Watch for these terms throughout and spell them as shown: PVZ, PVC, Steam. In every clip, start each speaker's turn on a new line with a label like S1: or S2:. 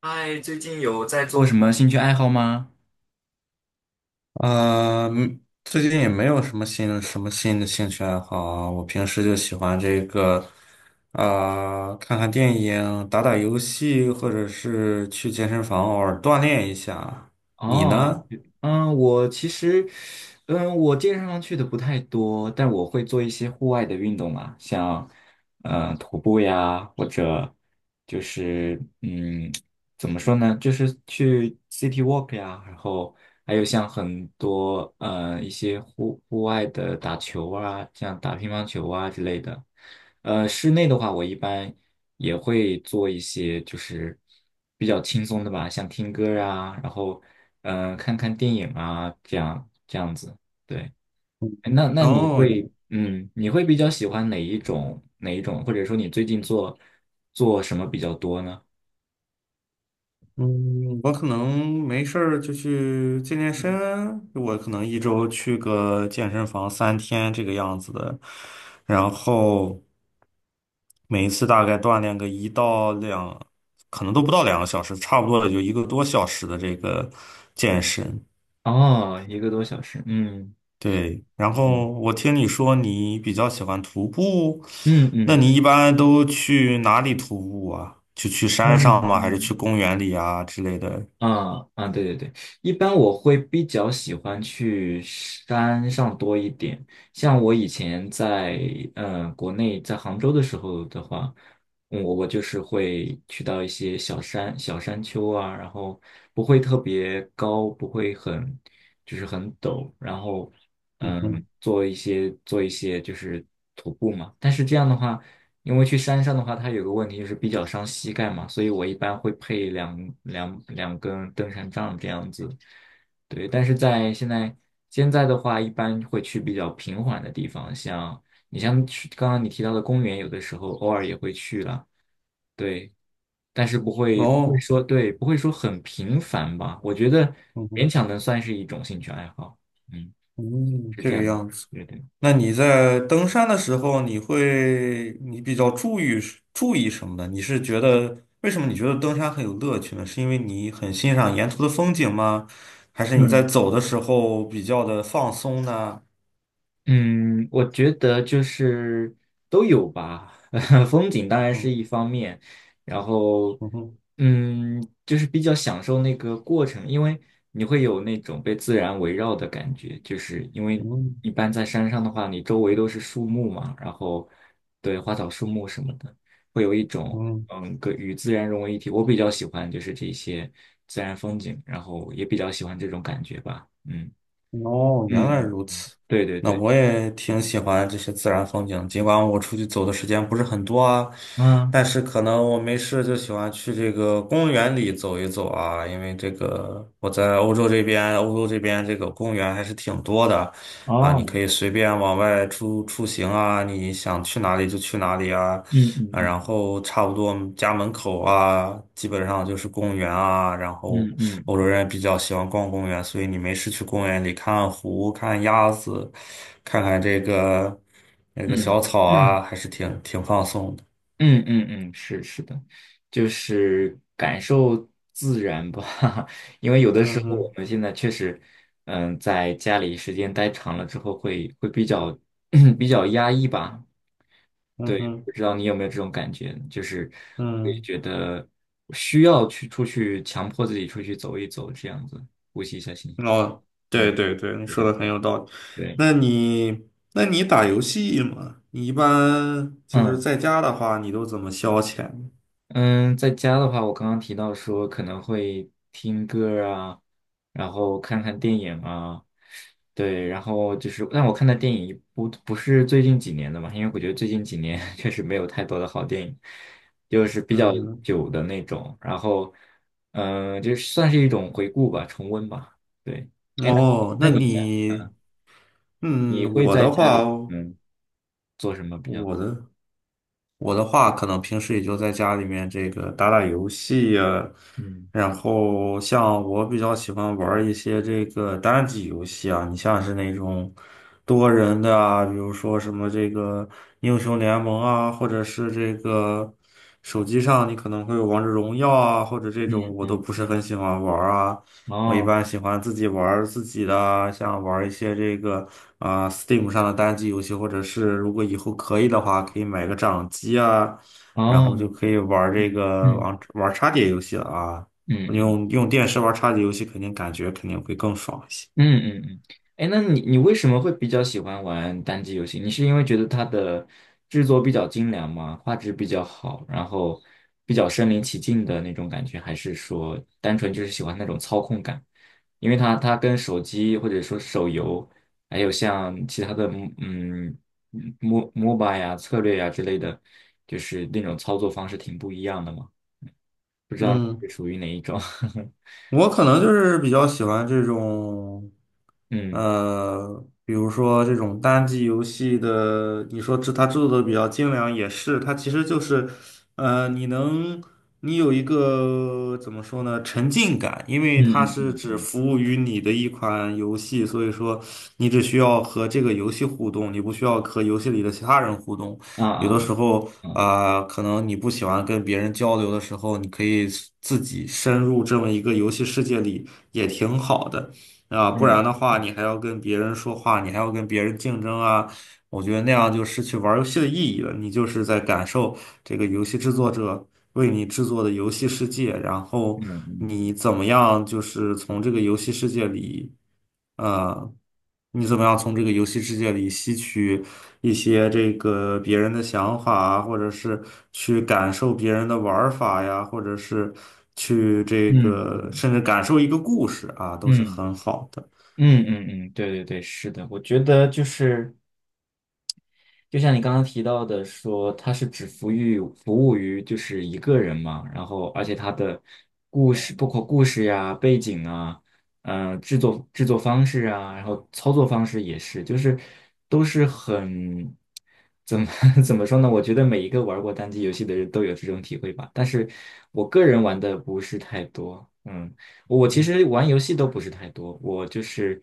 S1: 嗨，最近有在做什么兴趣爱好吗？
S2: 最近也没有什么新的兴趣爱好啊。我平时就喜欢这个，啊、看看电影、打打游戏，或者是去健身房偶尔锻炼一下啊。你
S1: 哦。
S2: 呢？
S1: 我其实，我健身房去的不太多，但我会做一些户外的运动啊，像，徒步呀，或者就是，嗯，怎么说呢，就是去 city walk 呀，然后还有像很多，一些户外的打球啊，像打乒乓球啊之类的。室内的话，我一般也会做一些就是比较轻松的吧，像听歌啊，然后看看电影啊，这样子。对。哎，那你
S2: 哦，
S1: 会你会比较喜欢哪一种，或者说你最近做做什么比较多呢？
S2: 嗯，我可能没事儿就去健健
S1: 嗯。
S2: 身，我可能一周去个健身房3天这个样子的，然后每一次大概锻炼个1到2，可能都不到2个小时，差不多也就1个多小时的这个健身。
S1: 哦，一个多小时，嗯。
S2: 对，然后
S1: 嗯，
S2: 我听你说你比较喜欢徒步，
S1: 嗯
S2: 那
S1: 嗯
S2: 你一般都去哪里徒步啊？就去山上
S1: 嗯
S2: 吗？还是去
S1: 嗯，
S2: 公园里啊之类的？
S1: 啊对，一般我会比较喜欢去山上多一点。像我以前在国内在杭州的时候的话，嗯，我就是会去到一些小山丘啊，然后不会特别高，不会很就是很陡，然后
S2: 嗯
S1: 嗯，
S2: 哼。
S1: 做一些就是徒步嘛。但是这样的话，因为去山上的话，它有个问题就是比较伤膝盖嘛，所以我一般会配两根登山杖这样子。对，但是在现在的话，一般会去比较平缓的地方，像你像去刚刚你提到的公园，有的时候偶尔也会去了，对，但是
S2: 哦，
S1: 不会说很频繁吧？我觉得
S2: 嗯
S1: 勉强能算是一种兴趣爱好，嗯，
S2: 嗯，
S1: 是
S2: 这
S1: 这
S2: 个
S1: 样，
S2: 样子。
S1: 对。
S2: 那你在登山的时候，你比较注意什么呢？你是觉得为什么你觉得登山很有乐趣呢？是因为你很欣赏沿途的风景吗？还是你在
S1: 嗯。
S2: 走的时候比较的放松呢？
S1: 嗯，我觉得就是都有吧，风景当然是
S2: 嗯，
S1: 一方面，然后
S2: 嗯哼，
S1: 嗯，就是比较享受那个过程，因为你会有那种被自然围绕的感觉，就是因为
S2: 嗯
S1: 一般在山上的话，你周围都是树木嘛，然后对花草树木什么的，会有一种
S2: 嗯。
S1: 嗯，跟与自然融为一体。我比较喜欢就是这些自然风景，然后也比较喜欢这种感觉吧，嗯。
S2: 哦，原来
S1: 嗯，
S2: 如此。
S1: 对对
S2: 那
S1: 对。
S2: 我也挺喜欢这些自然风景，尽管我出去走的时间不是很多啊，
S1: 嗯。
S2: 但是可能我没事就喜欢去这个公园里走一走啊，因为这个我在欧洲这边，这个公园还是挺多的啊，你可
S1: 哦，
S2: 以随便往外出行啊，你想去哪里就去哪里啊，
S1: 嗯。嗯，
S2: 啊，
S1: 嗯
S2: 然后差不多家门口啊，基本上就是公园啊。然后
S1: 嗯嗯
S2: 欧洲人也比较喜欢逛公园，所以你没事去公园里看看湖、看鸭子，看看这个那个
S1: 嗯
S2: 小草啊，还是挺挺放松的。
S1: 嗯嗯，嗯是是的，就是感受自然吧，因为有的时
S2: 嗯
S1: 候我
S2: 哼，
S1: 们现在确实，嗯，在家里时间待长了之后会，会比较 比较压抑吧。
S2: 嗯
S1: 对，
S2: 哼，
S1: 不知道你有没有这种感觉，就是会
S2: 嗯，
S1: 觉得需要去出去，强迫自己出去走一走，这样子呼吸一下新鲜空气。
S2: 哦，对
S1: 嗯，
S2: 对对，你
S1: 对
S2: 说
S1: 对
S2: 的很有道理。
S1: 对，
S2: 那你，那你打游戏吗？你一般就是
S1: 嗯。
S2: 在家的话，你都怎么消遣？
S1: 嗯，在家的话，我刚刚提到说可能会听歌儿啊，然后看看电影啊，对，然后就是，但我看的电影不是最近几年的嘛，因为我觉得最近几年 确实没有太多的好电影，就是比
S2: 嗯
S1: 较
S2: 哼，
S1: 久的那种，然后，嗯，就算是一种回顾吧，重温吧，对。哎，那你
S2: 哦，
S1: 那
S2: 那
S1: 你呢？
S2: 你。
S1: 你
S2: 嗯，
S1: 会在家里嗯做什么比较？
S2: 我的我的话，可能平时也就在家里面这个打打游戏呀、
S1: 嗯。
S2: 然后像我比较喜欢玩儿一些这个单机游戏啊，你像是那种多人的啊，比如说什么这个英雄联盟啊，或者是这个手机上你可能会有王者荣耀啊，或者这
S1: 嗯
S2: 种我都
S1: 嗯
S2: 不是
S1: 嗯，
S2: 很喜欢玩儿啊。我一
S1: 哦，
S2: 般喜欢自己玩儿自己的，像玩儿一些这个啊、Steam 上的单机游戏，或者是如果以后可以的话，可以买个掌机啊，然
S1: 哦，
S2: 后就可以玩儿这
S1: 嗯
S2: 个
S1: 嗯
S2: 玩儿插碟游戏了啊。
S1: 嗯嗯。
S2: 用电视玩儿插碟游戏，肯定会更爽一些。
S1: 嗯嗯。嗯。哎，那你为什么会比较喜欢玩单机游戏？你是因为觉得它的制作比较精良吗？画质比较好，然后比较身临其境的那种感觉，还是说单纯就是喜欢那种操控感？因为它跟手机或者说手游，还有像其他的MOBA 呀、策略呀之类的，就是那种操作方式挺不一样的嘛。不知道你
S2: 嗯。
S1: 是属于哪一种？
S2: 我可能就是比较喜欢这种，
S1: 嗯。
S2: 比如说这种单机游戏的，你说它制作的比较精良也是，它其实就是，呃，你能你有一个怎么说呢，沉浸感，因为它
S1: 嗯嗯
S2: 是
S1: 嗯
S2: 只
S1: 嗯
S2: 服务于你的一款游戏，所以说你只需要和这个游戏互动，你不需要和游戏里的其他人互动。
S1: 啊
S2: 有的
S1: 啊
S2: 时候
S1: 啊！啊，
S2: 啊、可能你不喜欢跟别人交流的时候，你可以自己深入这么一个游戏世界里，也挺好的啊、不
S1: 嗯
S2: 然的话，你还要跟别人说话，你还要跟别人竞争啊，我觉得那样就失去玩游戏的意义了。你就是在感受这个游戏制作者为你制作的游戏世界，然后
S1: 嗯
S2: 你怎么样，就是从这个游戏世界里。呃，你怎么样从这个游戏世界里吸取一些这个别人的想法啊，或者是去感受别人的玩儿法呀，或者是去这
S1: 嗯
S2: 个
S1: 嗯
S2: 甚至感受一个故事啊，都是
S1: 嗯。
S2: 很好的。
S1: 嗯，对，是的，我觉得就是，就像你刚刚提到的说，它是只服务于就是一个人嘛，然后而且它的故事，包括故事呀、背景啊，嗯、制作方式啊，然后操作方式也是，就是都是很怎么 怎么说呢？我觉得每一个玩过单机游戏的人都有这种体会吧，但是我个人玩的不是太多，嗯，我其
S2: 嗯，
S1: 实玩游戏都不是太多，我就是。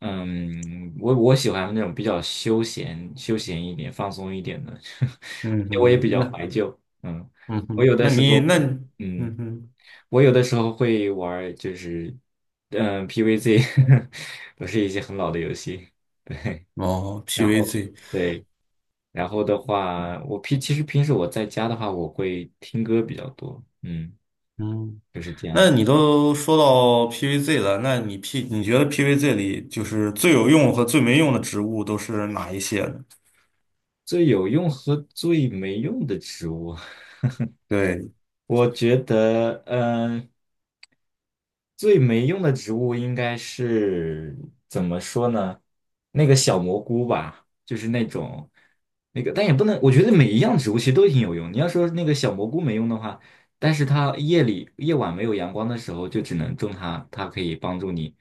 S1: 嗯，我喜欢那种比较休闲一点、放松一点的，而
S2: 嗯哼，
S1: 且我也比较
S2: 那，
S1: 怀旧。嗯，
S2: 嗯
S1: 我
S2: 哼，
S1: 有的
S2: 那
S1: 时
S2: 你
S1: 候，
S2: 那，嗯
S1: 嗯，
S2: 哼，
S1: 我有的时候会玩儿就是嗯，PVZ，都是一些很老的游戏。对，
S2: 哦
S1: 然后
S2: ，PVZ,
S1: 对，然后的话，我平其实平时我在家的话，我会听歌比较多。嗯，
S2: 嗯，
S1: 就是这
S2: 那
S1: 样。
S2: 你都说到 PVZ 了，那 你觉得 PVZ 里就是最有用和最没用的植物都是哪一些呢？
S1: 最有用和最没用的植物。
S2: 对。
S1: 我觉得嗯、最没用的植物应该是怎么说呢？那个小蘑菇吧，就是那种那个，但也不能，我觉得每一样植物其实都挺有用。你要说那个小蘑菇没用的话，但是它夜里夜晚没有阳光的时候，就只能种它，它可以帮助你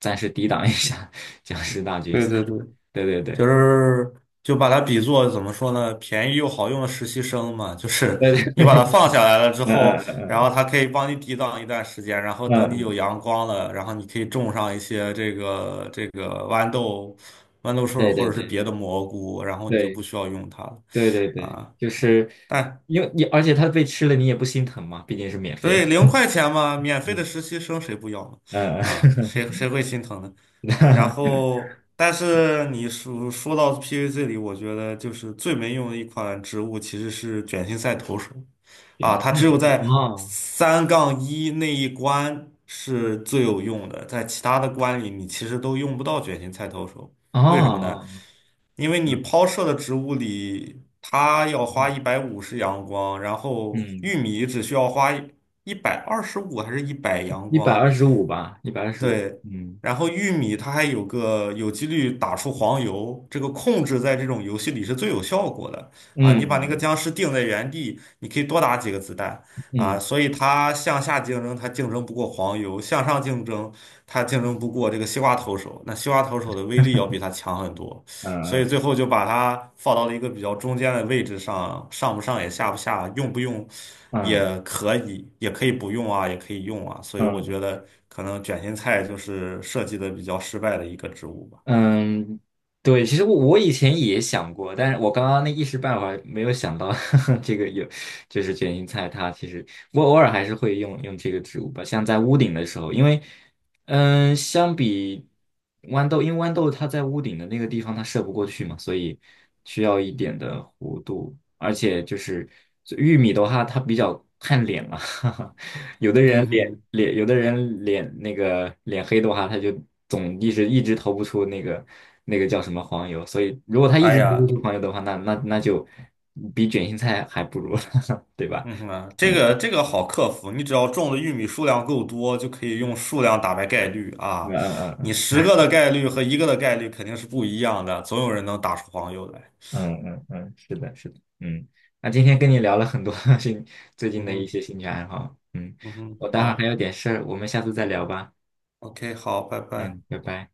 S1: 暂时抵挡一下 僵尸大军。
S2: 对对对，
S1: 对，
S2: 就是就把它比作怎么说呢，便宜又好用的实习生嘛，就是
S1: 对
S2: 你
S1: 对，
S2: 把它放下来了之后，
S1: 嗯。嗯，
S2: 然后
S1: 嗯
S2: 它可以帮你抵挡一段时间，然后
S1: 嗯
S2: 等你
S1: 嗯
S2: 有
S1: 嗯，
S2: 阳光了，然后你可以种上一些这个这个豌豆、豌豆射手
S1: 对
S2: 或
S1: 对
S2: 者是
S1: 对
S2: 别的蘑菇，然后你就不
S1: 对
S2: 需要用它了
S1: 对，
S2: 啊。
S1: 就是
S2: 但
S1: 因为你，而且它被吃了你也不心疼嘛，毕竟是免
S2: 所
S1: 费
S2: 以
S1: 的。
S2: 零块钱嘛，免费的实习生谁不要呢？
S1: 呃，
S2: 啊，谁 谁会心疼呢？然
S1: 那
S2: 后，但是说到 PVC 里，我觉得就是最没用的一款植物其实是卷心菜投手啊，
S1: 原
S2: 它
S1: 因
S2: 只
S1: 都
S2: 有
S1: 是
S2: 在
S1: 哦。
S2: 3-1那一关是最有用的，在其他的关里你其实都用不到卷心菜投手，
S1: 哦，
S2: 为什么呢？
S1: 哦，
S2: 因为你
S1: 嗯
S2: 抛射的植物里，它要花150阳光，然后
S1: 嗯，
S2: 玉米只需要花125还是一百阳
S1: 一百
S2: 光，
S1: 二十五吧，一百二十五。
S2: 对，
S1: 嗯
S2: 然后玉米它还有个有几率打出黄油，这个控制在这种游戏里是最有效果的啊！
S1: 嗯
S2: 你把那个
S1: 嗯
S2: 僵尸定在原地，你可以多打几个子弹啊，
S1: 嗯
S2: 所以它向下竞争，它竞争不过黄油；向上竞争，它竞争不过这个西瓜投手。那西瓜投手的威力要比它强很多。所以
S1: 嗯
S2: 最后就把它放到了一个比较中间的位置上，上不上也下不下，用不用
S1: 嗯
S2: 也可以，也可以不用啊，也可以用啊。所以我觉
S1: 嗯。
S2: 得可能卷心菜就是设计的比较失败的一个植物吧。
S1: 嗯，对，其实我以前也想过，但是我刚刚那一时半会儿没有想到 这个有，就是卷心菜它其实我偶尔还是会用用这个植物吧，像在屋顶的时候，因为嗯，相比豌豆，因为豌豆它在屋顶的那个地方它射不过去嘛，所以需要一点的弧度，而且就是玉米的话，它比较看脸嘛，哈哈，有的人
S2: 嗯
S1: 脸
S2: 哼，
S1: 脸，有的人脸那个脸黑的话，他就总一直投不出那个那个叫什么黄油，所以如果他一
S2: 哎
S1: 直投不
S2: 呀，
S1: 出黄油的话，那就比卷心菜还不如，对吧？
S2: 嗯哼啊，这
S1: 嗯。
S2: 个这个好克服，你只要种的玉米数量够多，就可以用数量打败概率
S1: 嗯
S2: 啊。
S1: 嗯
S2: 你
S1: 嗯，嗯。
S2: 10个的概率和一个的概率肯定是不一样的，总有人能打出黄油来。
S1: 嗯，是的，是的，嗯，那今天跟你聊了很多 兴最近
S2: 嗯
S1: 的一
S2: 哼，
S1: 些兴趣爱好，嗯，
S2: 嗯哼，
S1: 我待会儿还
S2: 好
S1: 有点事儿，我们下次再聊吧，
S2: ，OK,好，拜拜。
S1: 嗯，拜拜。